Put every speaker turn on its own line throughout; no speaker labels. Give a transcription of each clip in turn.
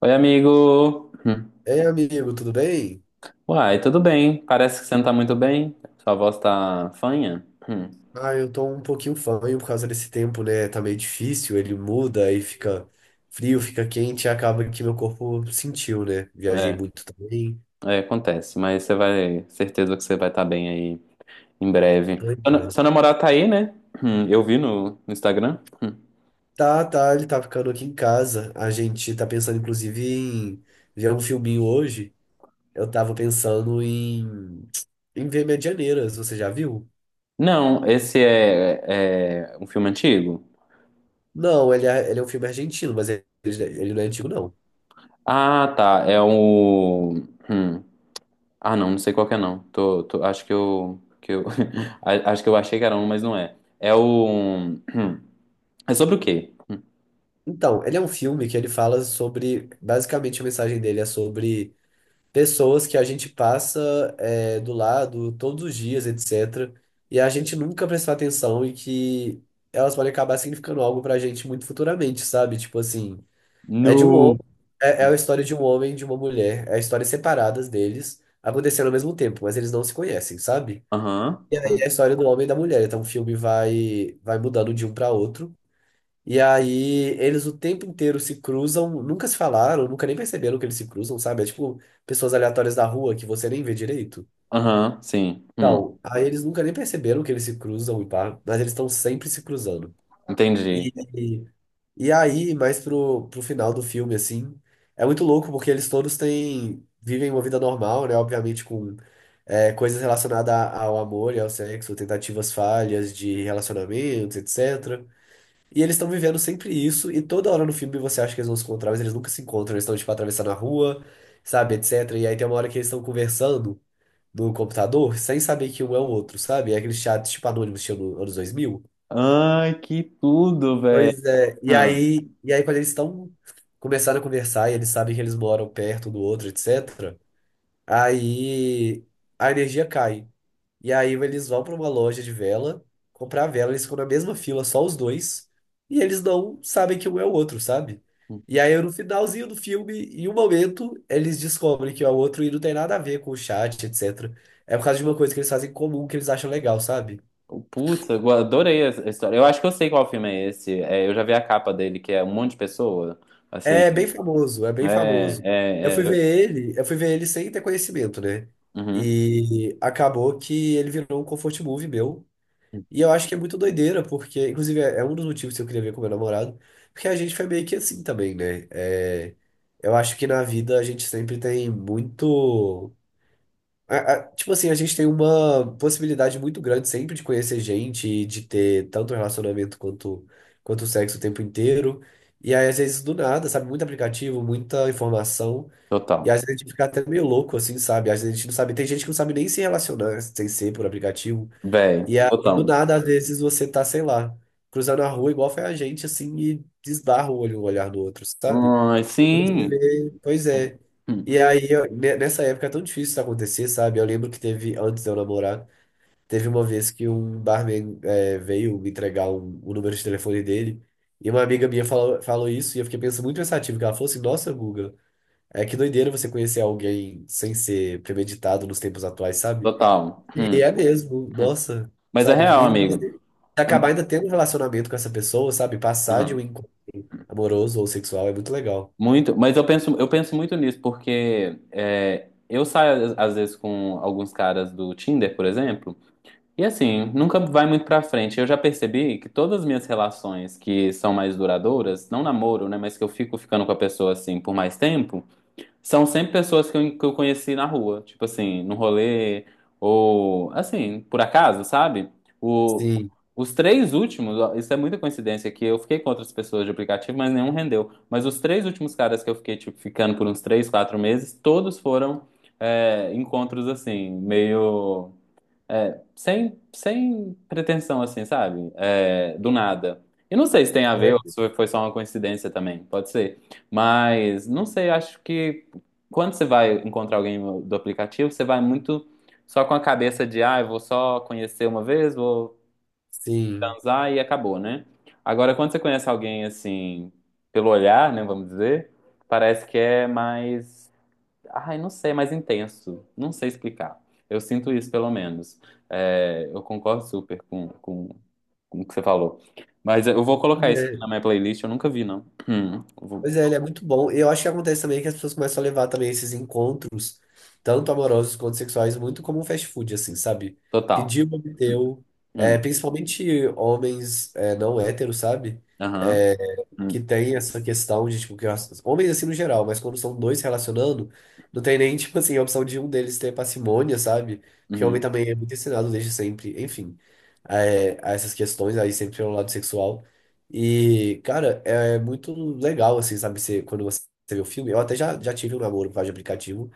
Oi, amigo! Hum.
Ei, amigo, tudo bem?
Uai, tudo bem? Parece que você não tá muito bem. Sua voz tá fanha? Hum.
Ah, eu tô um pouquinho fanho por causa desse tempo, né? Tá meio difícil, ele muda aí fica frio, fica quente, e acaba que meu corpo sentiu, né? Viajei
É,
muito também.
é, acontece, mas certeza que você vai estar bem aí em breve.
Pois
Seu, na-
é.
seu namorado tá aí, né? Eu vi no Instagram. Hum.
Tá, ele tá ficando aqui em casa. A gente tá pensando, inclusive, em ver um filminho hoje. Eu tava pensando em ver Medianeiras, você já viu?
Não, esse é um filme antigo?
Não, ele é um filme argentino, mas ele não é antigo, não.
Ah, tá. É o. hum. Ah, não, não sei qual que é não. Acho que eu. Acho que eu achei que era um, mas não é. É o. É sobre o quê?
Então, ele é um filme que ele fala sobre. Basicamente, a mensagem dele é sobre pessoas que a gente passa do lado todos os dias, etc. E a gente nunca prestou atenção e que elas podem acabar significando algo pra gente muito futuramente, sabe? Tipo assim, é de um homem,
No.
é a história de um homem e de uma mulher, é histórias separadas deles acontecendo ao mesmo tempo, mas eles não se conhecem, sabe?
Aham.
E aí é a
Aham,
história do homem e da mulher, então o filme vai mudando de um pra outro. E aí, eles o tempo inteiro se cruzam, nunca se falaram, nunca nem perceberam que eles se cruzam, sabe? É tipo pessoas aleatórias da rua que você nem vê direito.
Aham, sim.
Não, aí eles nunca nem perceberam que eles se cruzam e pá, mas eles estão sempre se cruzando.
Entendi.
E, e aí, mais pro final do filme, assim, é muito louco porque eles todos têm, vivem uma vida normal, né? Obviamente com coisas relacionadas ao amor e ao sexo, tentativas falhas de relacionamentos, etc. E eles estão vivendo sempre isso, e toda hora no filme você acha que eles vão se encontrar, mas eles nunca se encontram, eles estão, tipo, atravessando a rua, sabe, etc. E aí tem uma hora que eles estão conversando no computador, sem saber que um é o outro, sabe? É aquele chat, tipo, anônimo, estilo anos 2000.
Ai, que tudo, velho.
Pois é, e
Hum.
aí, e aí quando eles estão começando a conversar, e eles sabem que eles moram perto do outro, etc., aí a energia cai. E aí eles vão para uma loja de vela, comprar vela, eles ficam na mesma fila, só os dois, e eles não sabem que um é o outro, sabe? E aí no finalzinho do filme, em um momento, eles descobrem que é o outro e não tem nada a ver com o chat, etc. É por causa de uma coisa que eles fazem em comum que eles acham legal, sabe?
Putz, eu adorei essa história. Eu acho que eu sei qual filme é esse. É, eu já vi a capa dele, que é um monte de pessoa. Assim,
É bem famoso, é bem
né?
famoso. Eu fui
É, é, é.
ver ele, eu fui ver ele sem ter conhecimento, né?
Uhum.
E acabou que ele virou um comfort movie meu. E eu acho que é muito doideira, porque, inclusive, é um dos motivos que eu queria ver com meu namorado, porque a gente foi meio que assim também, né? É, eu acho que na vida a gente sempre tem muito. Tipo assim, a gente tem uma possibilidade muito grande sempre de conhecer gente e de ter tanto relacionamento quanto sexo o tempo inteiro. E aí, às vezes, do nada, sabe? Muito aplicativo, muita informação.
Total.
E às vezes a gente fica até meio louco, assim, sabe? Às vezes a gente não sabe. Tem gente que não sabe nem se relacionar sem ser por aplicativo.
Velho,
E aí, do
total.
nada, às vezes você tá, sei lá, cruzando a rua igual foi a gente, assim, e desbarra o olho, o olhar do outro, sabe?
Ai,
Quando você
sim.
vê, pois é.
Hum,
E aí, nessa época é tão difícil isso acontecer, sabe? Eu lembro que teve, antes de eu namorar, teve uma vez que um barman veio me entregar o número de telefone dele, e uma amiga minha falou, falou isso, e eu fiquei pensando muito pensativo, que ela falou assim, nossa, Guga, é que doideira você conhecer alguém sem ser premeditado nos tempos atuais, sabe?
total.
E é
Hum.
mesmo, nossa,
Mas é
sabe?
real,
E mas
amigo.
se acabar ainda tendo um relacionamento com essa pessoa, sabe? Passar de um
Aham.
encontro amoroso ou sexual é muito legal.
Muito, mas eu penso muito nisso, porque eu saio às vezes com alguns caras do Tinder, por exemplo, e assim, nunca vai muito pra frente. Eu já percebi que todas as minhas relações que são mais duradouras, não namoro, né, mas que eu fico ficando com a pessoa assim por mais tempo, são sempre pessoas que eu conheci na rua, tipo assim, no rolê, ou assim, por acaso, sabe? O,
Sim,
os três últimos, ó, isso é muita coincidência, que eu fiquei com outras pessoas de aplicativo, mas nenhum rendeu. Mas os três últimos caras que eu fiquei, tipo, ficando por uns três, quatro meses, todos foram, encontros assim, meio. É, sem pretensão, assim, sabe? É, do nada. E não sei se tem a ver
né?
ou se foi só uma coincidência também, pode ser. Mas não sei, acho que quando você vai encontrar alguém do aplicativo, você vai muito só com a cabeça de, ah, eu vou só conhecer uma vez, vou
Sim.
transar e acabou, né? Agora, quando você conhece alguém assim, pelo olhar, né, vamos dizer, parece que é mais. Ai, não sei, é mais intenso. Não sei explicar. Eu sinto isso, pelo menos. É, eu concordo super com o que você falou. Mas eu vou colocar isso aqui
É.
na minha playlist. Eu nunca vi, não. Hum, vou-
Pois é, ele é muito bom. E eu acho que acontece também que as pessoas começam a levar também esses encontros, tanto amorosos quanto sexuais, muito como um fast food, assim, sabe?
Total.
Pediu, obteu. É,
Hum,
principalmente homens não héteros, sabe?
aham,
É, que
hum,
tem essa questão de, tipo, que homens assim no geral, mas quando são dois se relacionando, não tem nem, tipo assim, a opção de um deles ter parcimônia, sabe? Porque homem
uhum.
também é muito ensinado desde sempre, enfim, essas questões aí sempre pelo lado sexual. E, cara, é muito legal, assim, sabe? Você, quando você vê o filme, eu até já tive um namoro por causa de aplicativo,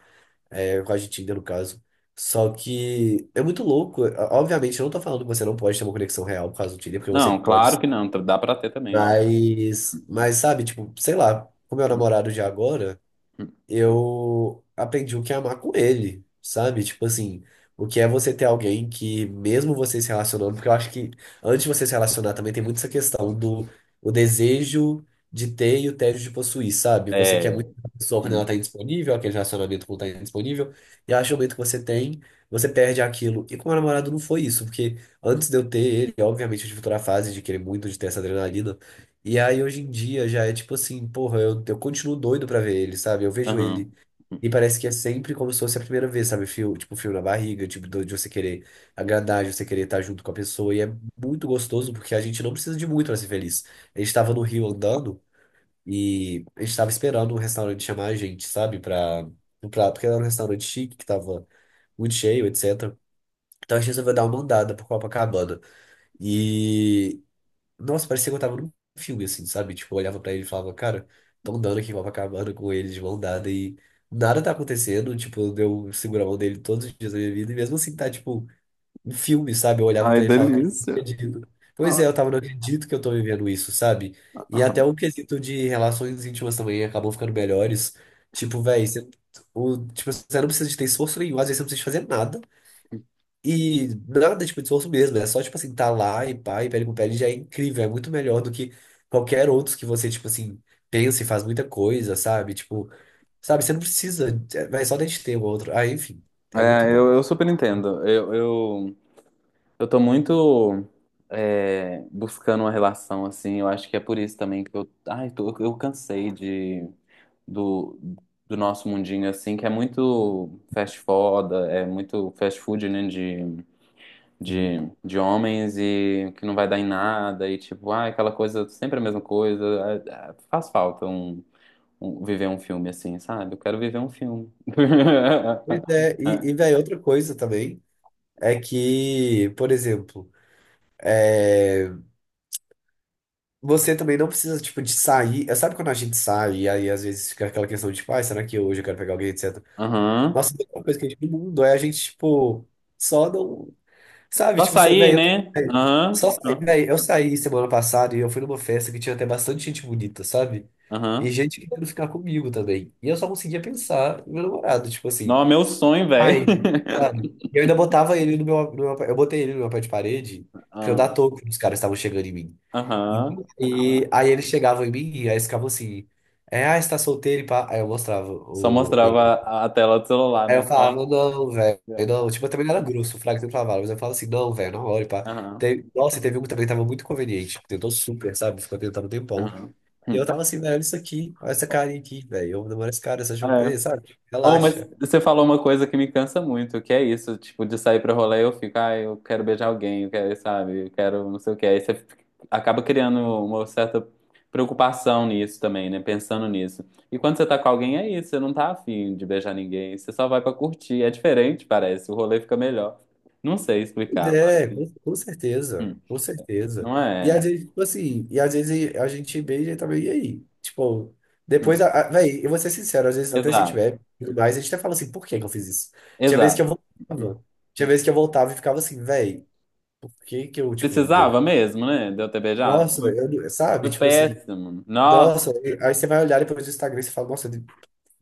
por causa de Tinder, no caso. Só que é muito louco. Obviamente, eu não tô falando que você não pode ter uma conexão real por causa do Tinder, porque você
Não,
pode
claro que não. Dá pra ter também, ó.
mas sabe, tipo, sei lá, com meu
Hum,
namorado de agora,
hum.
eu aprendi o que é amar com ele, sabe? Tipo assim, o que é você ter alguém que, mesmo você se relacionando, porque eu acho que antes de você se relacionar também tem muito essa questão do o desejo de ter e o tédio de possuir, sabe? Você quer
É.
muito a pessoa quando ela tá
Hum,
indisponível, aquele relacionamento quando tá indisponível, e acho que o momento que você tem, você perde aquilo. E com meu namorado não foi isso, porque antes de eu ter ele, obviamente eu tive toda a fase de querer muito, de ter essa adrenalina. E aí hoje em dia já é tipo assim, porra, eu continuo doido pra ver ele, sabe? Eu vejo
aham.
ele e parece que é sempre como se fosse a primeira vez, sabe? Fio, tipo, fio na barriga, tipo, de você querer agradar, de você querer estar junto com a pessoa. E é muito gostoso porque a gente não precisa de muito pra ser feliz. A gente tava no Rio andando e a gente tava esperando um restaurante chamar a gente, sabe? Porque era um restaurante chique que tava muito cheio, etc. Então a gente resolveu dar uma andada por Copacabana. E, nossa, parecia que eu tava num filme, assim, sabe? Tipo, eu olhava pra ele e falava, cara, tão dando aqui em Copacabana com ele de mão dada e nada tá acontecendo. Tipo, eu seguro a mão dele todos os dias da minha vida e mesmo assim tá, tipo, um filme, sabe? Eu olhava
Ai,
pra ele e falava, cara, eu não
delícia.
acredito. Pois é,
Ai.
eu tava, não acredito que eu tô vivendo isso, sabe? E até
Aham.
o quesito de relações íntimas também acabou ficando melhores. Tipo, véi, você, tipo, você não precisa de ter esforço nenhum, às vezes você não precisa de fazer nada. E nada, tipo, de esforço mesmo. É só, tipo assim, tá lá e pá, e pele com pele já é incrível. É muito melhor do que qualquer outro que você, tipo assim, pensa e faz muita coisa, sabe? Tipo, sabe, você não precisa, vai só da gente ter o outro. Ah, enfim, é muito
É,
bom.
eu super entendo. Eu tô muito buscando uma relação, assim. Eu acho que é por isso também que eu. Ai, eu cansei do, do nosso mundinho, assim, que é muito fast food, né? De,
Sim.
de, de homens e que não vai dar em nada. E tipo, ah, aquela coisa, sempre a mesma coisa. Ah, ah, faz falta um, viver um filme assim, sabe? Eu quero viver um filme.
Pois é, e velho, outra coisa também é que, por exemplo, você também não precisa, tipo, de sair. É, sabe quando a gente sai e aí às vezes fica aquela questão de, tipo, ah, será que hoje eu quero pegar alguém, etc.
Aham.
Nossa, a melhor coisa que a gente tem no mundo é a gente, tipo, só não. Sabe,
Só
tipo, você,
sair,
véi,
né? Aham.
eu saí semana passada e eu fui numa festa que tinha até bastante gente bonita, sabe? E
Aham.
gente querendo ficar comigo também. E eu só conseguia pensar no meu namorado, tipo assim,
Não, é meu sonho, velho.
ai, sabe? E eu ainda botava ele no meu, no meu- eu botei ele no meu pé de parede pra eu
Ah,
dar toco que os caras estavam chegando em mim.
aham.
Então, e
Aham.
aí eles chegavam em mim e aí eles ficavam assim, ah, você tá solteiro e pá. Aí eu mostrava
Só
o meu.
mostrava a tela do celular,
Aí eu
né? Ó.
falava, não, velho, não. Tipo, eu também não era grosso, o Fraga sempre falava, mas eu falava assim, não, velho, não olha, pá.
Aham.
Nossa, e teve um que também tava muito conveniente, tentou super, sabe? Ficou tentando um tempão.
Aham.
E eu
Hum.
tava assim, velho, olha isso aqui, olha essa carinha aqui, velho, eu namoro esse cara, essa jogo,
É,
sabe?
oh, mas
Relaxa.
você falou uma coisa que me cansa muito, que é isso, tipo, de sair pra rolê eu fico, ah, eu quero beijar alguém, eu quero, sabe, eu quero não sei o que. Aí você acaba criando uma certa preocupação nisso também, né? Pensando nisso. E quando você tá com alguém, é isso, você não tá afim de beijar ninguém, você só vai pra curtir. É diferente, parece, o rolê fica melhor. Não sei
Pois
explicar,
é,
mas
com, com certeza,
hum,
com certeza.
não
E às
é.
vezes, tipo assim, e às vezes a gente beija também, e aí? Tipo, depois,
Hum,
velho, eu vou ser sincero, às vezes até se a gente
Exato,
bebe, e tudo mais, a gente até fala assim, por que que eu fiz isso? Tinha vezes que eu
exato. Hum.
voltava, tinha vezes que eu voltava e ficava assim, velho. Por que que eu, tipo, deu.
Precisava mesmo, né, de eu ter beijado?
Nossa, eu, sabe?
Foi
Tipo assim,
péssimo. Nossa.
nossa, aí você vai olhar depois do Instagram e você fala, nossa,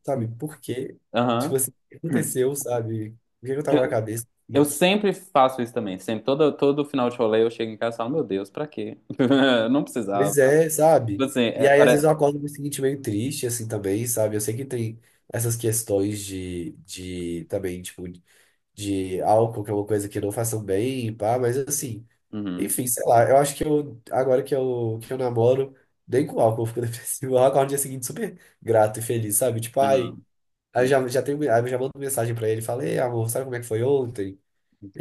sabe, por quê? Tipo
Aham.
assim, o que
Hum.
aconteceu, sabe? O que que eu tava na cabeça?
Eu
E,
sempre faço isso também. Sempre, todo final de rolê eu chego em casa e falo, meu Deus, pra quê? Não precisava.
pois é,
Tipo
sabe?
assim,
E aí, às
para...
vezes, eu acordo no dia seguinte meio triste, assim, também, sabe? Eu sei que tem essas questões de também, tipo, de álcool, que é uma coisa que não façam bem, pá, mas assim.
Uhum,
Enfim, sei lá, eu acho que eu, agora que eu namoro, nem com álcool eu fico depressivo. O álcool no dia seguinte super grato e feliz, sabe? Tipo, ai,
uhum, uhum.
aí eu já mando mensagem pra ele, falei, amor, sabe como é que foi ontem?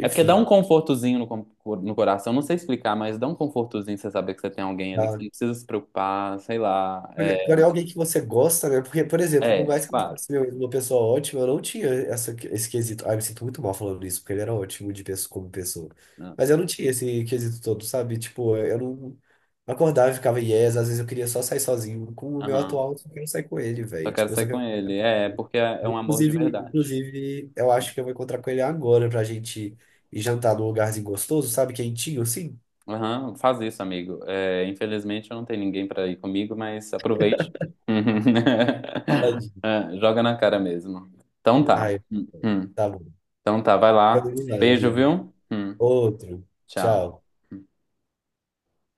É porque dá um confortozinho no coração. Não sei explicar, mas dá um confortozinho você saber que você tem alguém ali, que você
dá,
não precisa se preocupar, sei lá.
quando
É,
é alguém que você gosta, né? Porque, por exemplo, por
é,
mais que eu
claro.
fosse uma pessoa ótima, eu não tinha esse quesito. Ah, eu me sinto muito mal falando isso, porque ele era ótimo de pessoa, como pessoa.
Né?
Mas eu não tinha esse quesito todo, sabe? Tipo, eu não acordava e ficava yes, às vezes eu queria só sair sozinho. Com o meu
Aham.
atual, eu só quero sair com ele,
Só
velho.
quero
Tipo, eu
sair
só
com
quero...
ele. É, porque é
Eu,
um amor de
inclusive,
verdade.
eu acho que eu vou encontrar com ele agora pra gente ir jantar num lugarzinho gostoso, sabe? Quentinho, assim.
Aham, faz isso, amigo. É, infelizmente eu não tenho ninguém pra ir comigo, mas aproveite.
Tadinho.
É, joga na cara mesmo. Então tá.
Ai, tá bom.
Então tá, vai
Então,
lá.
vamos lá,
Beijo,
amigo.
viu?
Outro.
Tchau.
Tchau.